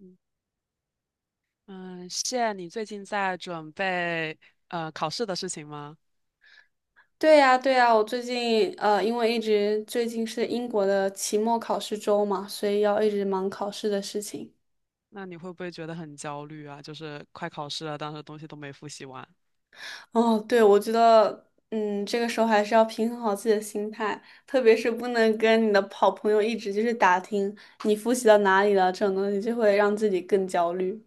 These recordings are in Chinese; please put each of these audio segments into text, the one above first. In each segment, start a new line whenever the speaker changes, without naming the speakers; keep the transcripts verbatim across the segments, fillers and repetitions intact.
嗯，嗯谢，你最近在准备呃考试的事情吗？
对呀，对呀，我最近呃，因为一直最近是英国的期末考试周嘛，所以要一直忙考试的事情。
那你会不会觉得很焦虑啊？就是快考试了，但是东西都没复习完。
哦，对，我觉得，嗯，这个时候还是要平衡好自己的心态，特别是不能跟你的好朋友一直就是打听你复习到哪里了这种东西，就会让自己更焦虑。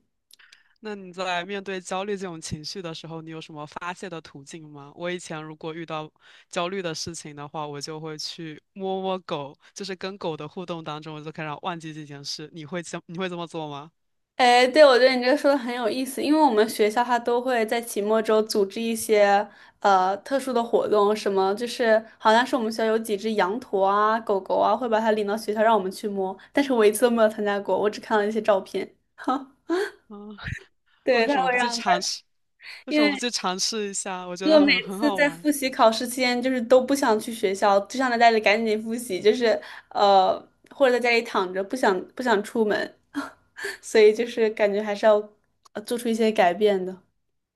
那你在面对焦虑这种情绪的时候，你有什么发泄的途径吗？我以前如果遇到焦虑的事情的话，我就会去摸摸狗，就是跟狗的互动当中，我就开始忘记这件事。你会这你会这么做吗？
哎，对，我觉得你这个说的很有意思，因为我们学校它都会在期末周组织一些呃特殊的活动，什么就是好像是我们学校有几只羊驼啊、狗狗啊，会把它领到学校让我们去摸，但是我一次都没有参加过，我只看了一些照片。哈，
啊，
对，
为
他
什么
会
不去
让他，
尝试？为
因
什么不
为
去尝试一下？我觉
如果
得
每
很很
次
好
在
玩。
复习考试期间，就是都不想去学校，就想在家里赶紧复习，就是呃，或者在家里躺着，不想不想出门，所以就是感觉还是要呃做出一些改变的。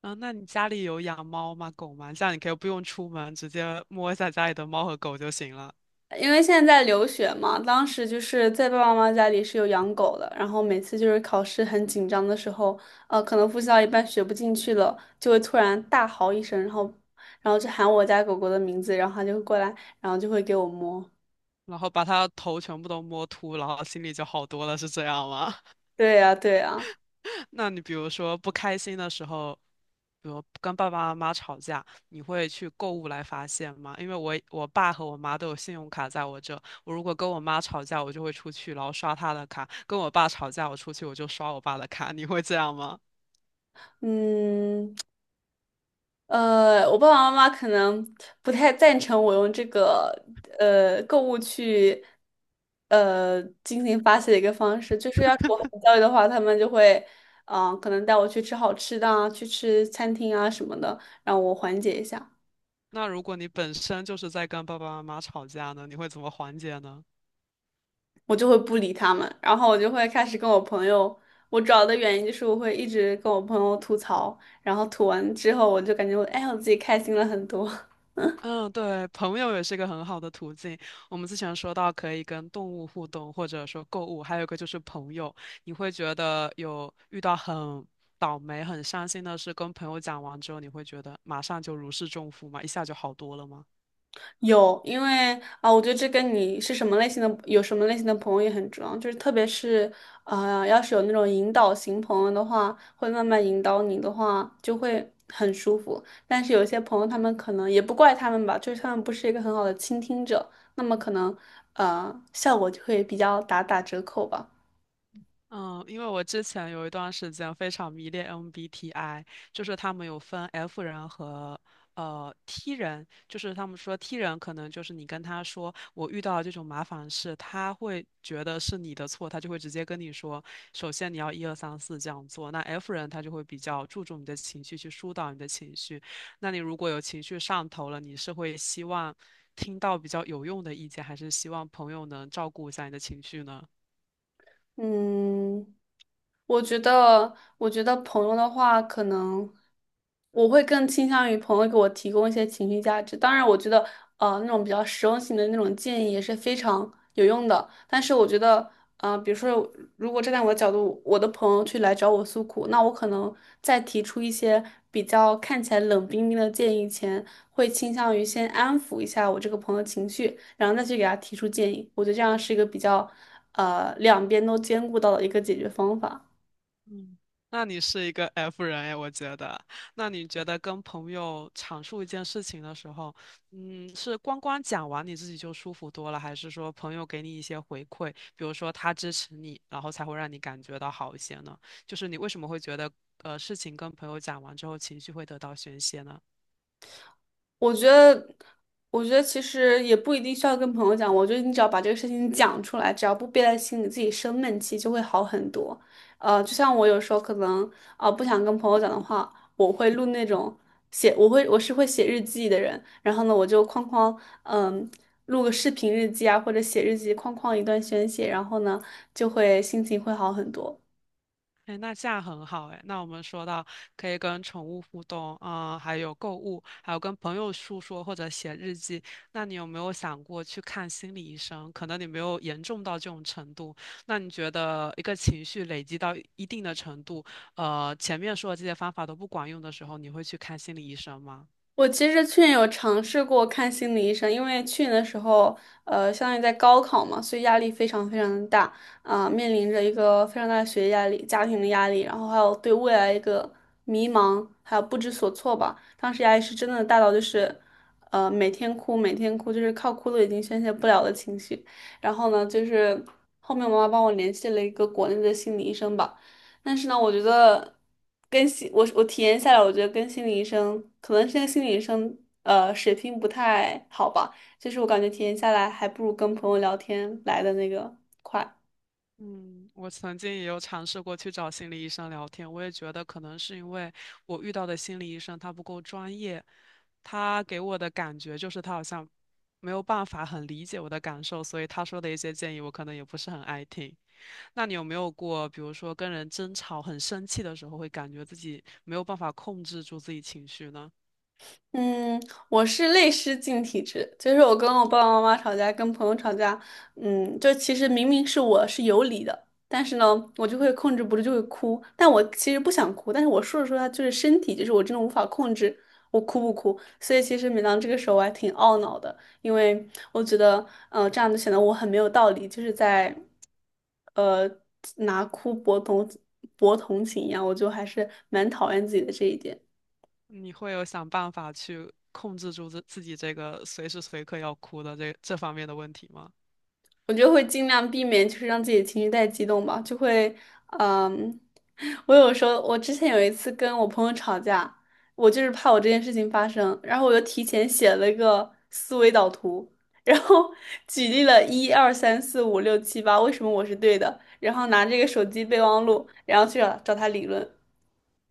啊，那你家里有养猫吗？狗吗？这样你可以不用出门，直接摸一下家里的猫和狗就行了，
因为现在在留学嘛，当时就是在爸爸妈妈家里是有养狗的，然后每次就是考试很紧张的时候，呃，可能复习到一半学不进去了，就会突然大嚎一声，然后，然后就喊我家狗狗的名字，然后它就会过来，然后就会给我摸。
然后把它头全部都摸秃，然后心里就好多了，是这样吗？
对呀，对呀，
那你比如说不开心的时候，比如跟爸爸妈妈吵架，你会去购物来发泄吗？因为我我爸和我妈都有信用卡在我这，我如果跟我妈吵架，我就会出去，然后刷她的卡；跟我爸吵架，我出去我就刷我爸的卡。你会这样吗？
嗯，呃，我爸爸妈妈可能不太赞成我用这个呃购物去呃进行发泄的一个方式，就是要是我很焦虑的话，他们就会嗯、呃可能带我去吃好吃的啊，去吃餐厅啊什么的，让我缓解一下，
那如果你本身就是在跟爸爸妈妈吵架呢，你会怎么缓解呢？
我就会不理他们，然后我就会开始跟我朋友，我主要的原因就是我会一直跟我朋友吐槽，然后吐完之后我就感觉我哎我自己开心了很多。
嗯，对，朋友也是一个很好的途径。我们之前说到可以跟动物互动，或者说购物，还有一个就是朋友。你会觉得有遇到很倒霉、很伤心的事，跟朋友讲完之后，你会觉得马上就如释重负吗？一下就好多了吗？
有，因为啊，我觉得这跟你是什么类型的，有什么类型的朋友也很重要。就是特别是，啊，要是有那种引导型朋友的话，会慢慢引导你的话，就会很舒服。但是有些朋友，他们可能也不怪他们吧，就是他们不是一个很好的倾听者，那么可能，呃，效果就会比较打打折扣吧。
嗯，因为我之前有一段时间非常迷恋 M B T I，就是他们有分 F 人和呃 T 人，就是他们说 T 人可能就是你跟他说我遇到了这种麻烦事，他会觉得是你的错，他就会直接跟你说，首先你要一二三四这样做。那 F 人他就会比较注重你的情绪，去疏导你的情绪。那你如果有情绪上头了，你是会希望听到比较有用的意见，还是希望朋友能照顾一下你的情绪呢？
嗯，我觉得，我觉得朋友的话，可能我会更倾向于朋友给我提供一些情绪价值。当然，我觉得，呃，那种比较实用性的那种建议也是非常有用的。但是，我觉得，呃，比如说，如果站在我的角度，我的朋友去来找我诉苦，那我可能在提出一些比较看起来冷冰冰的建议前，会倾向于先安抚一下我这个朋友情绪。然后再去给他提出建议。我觉得这样是一个比较呃两边都兼顾到的一个解决方法。
嗯，那你是一个 F 人哎，我觉得。那你觉得跟朋友阐述一件事情的时候，嗯，是光光讲完你自己就舒服多了，还是说朋友给你一些回馈，比如说他支持你，然后才会让你感觉到好一些呢？就是你为什么会觉得，呃，事情跟朋友讲完之后情绪会得到宣泄呢？
我觉得，我觉得其实也不一定需要跟朋友讲，我觉得你只要把这个事情讲出来，只要不憋在心里，自己生闷气就会好很多。呃，就像我有时候可能啊、呃不想跟朋友讲的话，我会录那种写，我会我是会写日记的人，然后呢，我就哐哐嗯。录个视频日记啊，或者写日记，哐哐一段宣泄，然后呢，就会心情会好很多。
哎，那这样很好哎。那我们说到可以跟宠物互动，啊，还有购物，还有跟朋友诉说或者写日记。那你有没有想过去看心理医生？可能你没有严重到这种程度。那你觉得一个情绪累积到一定的程度，呃，前面说的这些方法都不管用的时候，你会去看心理医生吗？
我其实去年有尝试过看心理医生，因为去年的时候，呃，相当于在高考嘛，所以压力非常非常的大啊，面临着一个非常大的学业压力、家庭的压力，然后还有对未来一个迷茫，还有不知所措吧。当时压力是真的大到就是，呃，每天哭，每天哭，就是靠哭都已经宣泄不了的情绪。然后呢，就是后面我妈妈帮我联系了一个国内的心理医生吧。但是呢，我觉得跟心我我体验下来，我觉得跟心理医生可能现在心理医生呃水平不太好吧，就是我感觉体验下来还不如跟朋友聊天来的那个。快。
嗯，我曾经也有尝试过去找心理医生聊天，我也觉得可能是因为我遇到的心理医生他不够专业，他给我的感觉就是他好像没有办法很理解我的感受，所以他说的一些建议我可能也不是很爱听。那你有没有过，比如说跟人争吵很生气的时候，会感觉自己没有办法控制住自己情绪呢？
嗯，我是泪失禁体质，就是我跟我爸爸妈妈吵架，跟朋友吵架，嗯，就其实明明是我是有理的，但是呢，我就会控制不住就会哭，但我其实不想哭，但是我说着说着就是身体，就是我真的无法控制我哭不哭，所以其实每当这个时候我还挺懊恼的，因为我觉得，呃，这样就显得我很没有道理，就是在，呃，拿哭博同博同情一样，我就还是蛮讨厌自己的这一点。
你会有想办法去控制住自自己这个随时随刻要哭的这这方面的问题吗？
我就会尽量避免，就是让自己的情绪太激动吧，就会，嗯，我有时候，我之前有一次跟我朋友吵架，我就是怕我这件事情发生，然后我就提前写了一个思维导图，然后 举例了一二三四五六七八，为什么我是对的，然后拿这个手机备忘录，然后去找找他理论。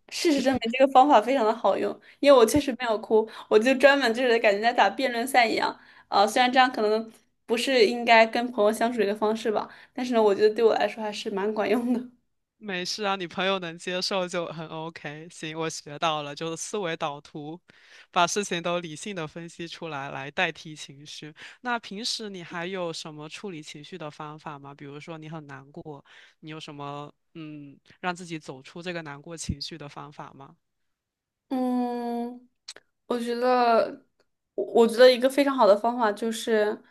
事实证明，这个方法非常的好用，因为我确实没有哭，我就专门就是感觉在打辩论赛一样。啊，虽然这样可能不是应该跟朋友相处的一个方式吧，但是呢，我觉得对我来说还是蛮管用的。
没事啊，你朋友能接受就很 OK。行，我学到了，就是思维导图，把事情都理性的分析出来，来代替情绪。那平时你还有什么处理情绪的方法吗？比如说你很难过，你有什么嗯，让自己走出这个难过情绪的方法吗？
嗯，我觉得，我我觉得一个非常好的方法就是，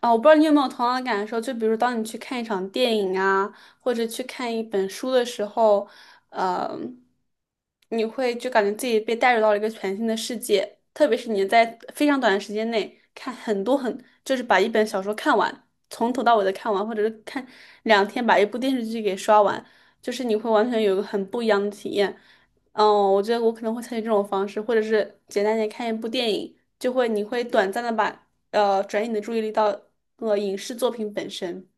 啊，我不知道你有没有同样的感受，就比如当你去看一场电影啊，或者去看一本书的时候，呃，你会就感觉自己被带入到了一个全新的世界，特别是你在非常短的时间内看很多很，就是把一本小说看完，从头到尾的看完，或者是看两天把一部电视剧给刷完，就是你会完全有一个很不一样的体验。嗯，我觉得我可能会采取这种方式，或者是简单点看一部电影，就会你会短暂的把呃转移你的注意力到呃影视作品本身。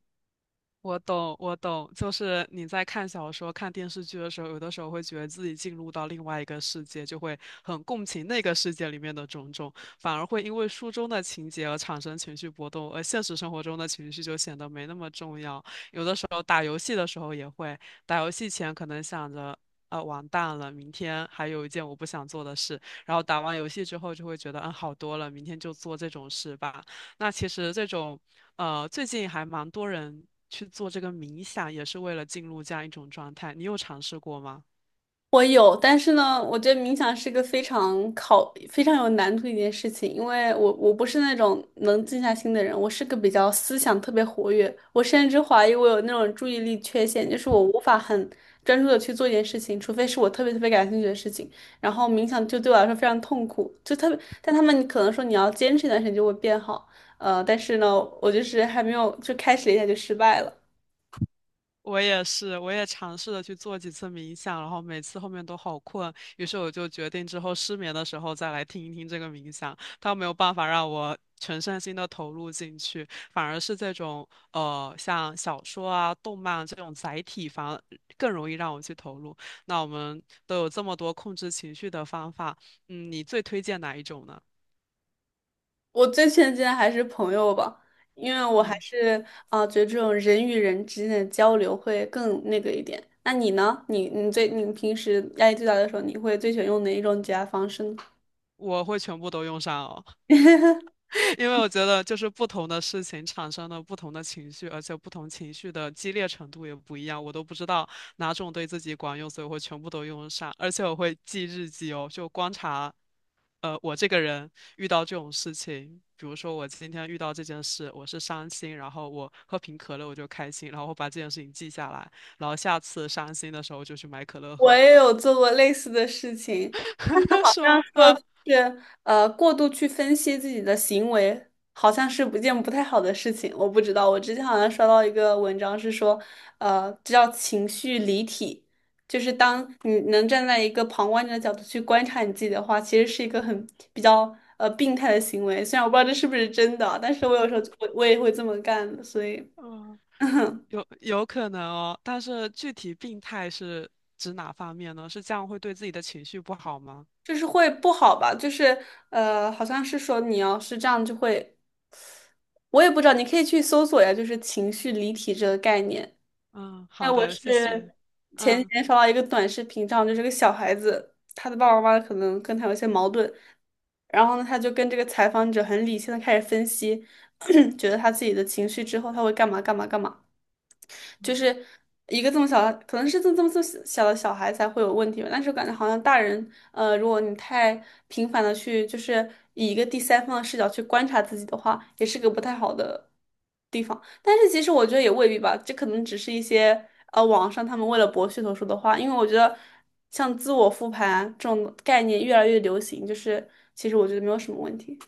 我懂，我懂，就是你在看小说、看电视剧的时候，有的时候会觉得自己进入到另外一个世界，就会很共情那个世界里面的种种，反而会因为书中的情节而产生情绪波动，而现实生活中的情绪就显得没那么重要。有的时候打游戏的时候也会，打游戏前可能想着。呃，完蛋了！明天还有一件我不想做的事，然后打完游戏之后就会觉得，嗯，好多了，明天就做这种事吧。那其实这种呃，最近还蛮多人去做这个冥想，也是为了进入这样一种状态。你有尝试过吗？
我有，但是呢，我觉得冥想是个非常考、非常有难度的一件事情，因为我我不是那种能静下心的人，我是个比较思想特别活跃，我甚至怀疑我有那种注意力缺陷，就是我无法很专注的去做一件事情，除非是我特别特别感兴趣的事情，然后冥想就对我来说非常痛苦，就特别，但他们可能说你要坚持一段时间就会变好，呃，但是呢，我就是还没有就开始了一下就失败了。
我也是，我也尝试了去做几次冥想，然后每次后面都好困，于是我就决定之后失眠的时候再来听一听这个冥想。它没有办法让我全身心的投入进去，反而是这种呃像小说啊、动漫啊这种载体，反而更容易让我去投入。那我们都有这么多控制情绪的方法，嗯，你最推荐哪一种呢？
我最亲近的还是朋友吧，因为我还
嗯。
是啊、觉得这种人与人之间的交流会更那个一点。那你呢？你你最你平时压力最大的时候，你会最喜欢用哪一种解压方式呢？
我会全部都用上哦，因为我觉得就是不同的事情产生了不同的情绪，而且不同情绪的激烈程度也不一样，我都不知道哪种对自己管用，所以我会全部都用上，而且我会记日记哦，就观察，呃，我这个人遇到这种事情，比如说我今天遇到这件事，我是伤心，然后我喝瓶可乐我就开心，然后我把这件事情记下来，然后下次伤心的时候就去买可乐
我
喝，
也有做过类似的事情，但是 好
是
像
吗？
说
啊，
就是呃，过度去分析自己的行为，好像是不件不太好的事情。我不知道，我之前好像刷到一个文章是说，呃，这叫情绪离体，就是当你能站在一个旁观者的角度去观察你自己的话，其实是一个很比较呃病态的行为。虽然我不知道这是不是真的啊，但是我有时候我我也会这么干的，所以。
嗯。
嗯
有有可能哦，但是具体病态是指哪方面呢？是这样会对自己的情绪不好吗？
就是会不好吧？就是呃，好像是说你要是这样就会，我也不知道，你可以去搜索呀，就是情绪离体"这个概念。
嗯，
哎，
好
我
的，谢谢。
是前几
嗯。
天刷到一个短视频上，就是个小孩子，他的爸爸妈妈可能跟他有一些矛盾，然后呢，他就跟这个采访者很理性的开始分析，觉得他自己的情绪之后他会干嘛干嘛干嘛。就是一个这么小的，可能是这么这么这么小的小孩才会有问题吧。但是我感觉好像大人，呃，如果你太频繁的去，就是以一个第三方的视角去观察自己的话，也是个不太好的地方。但是其实我觉得也未必吧，这可能只是一些呃网上他们为了博噱头说的话。因为我觉得像自我复盘这种概念越来越流行，就是其实我觉得没有什么问题。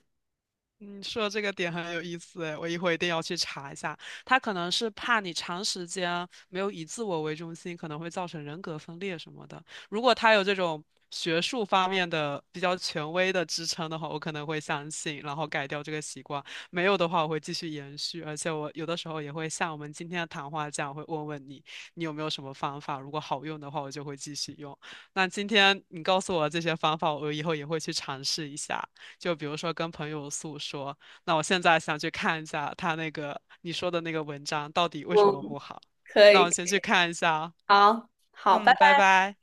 你说这个点很有意思诶，我一会一定要去查一下。他可能是怕你长时间没有以自我为中心，可能会造成人格分裂什么的。如果他有这种学术方面的比较权威的支撑的话，我可能会相信，然后改掉这个习惯。没有的话，我会继续延续。而且我有的时候也会像我们今天的谈话这样，会问问你，你有没有什么方法？如果好用的话，我就会继续用。那今天你告诉我这些方法，我以后也会去尝试一下。就比如说跟朋友诉说，那我现在想去看一下他那个你说的那个文章到底为什么
嗯，
不好，
可
那
以，
我先去看一下啊，
好，好，拜
嗯，
拜。
拜拜。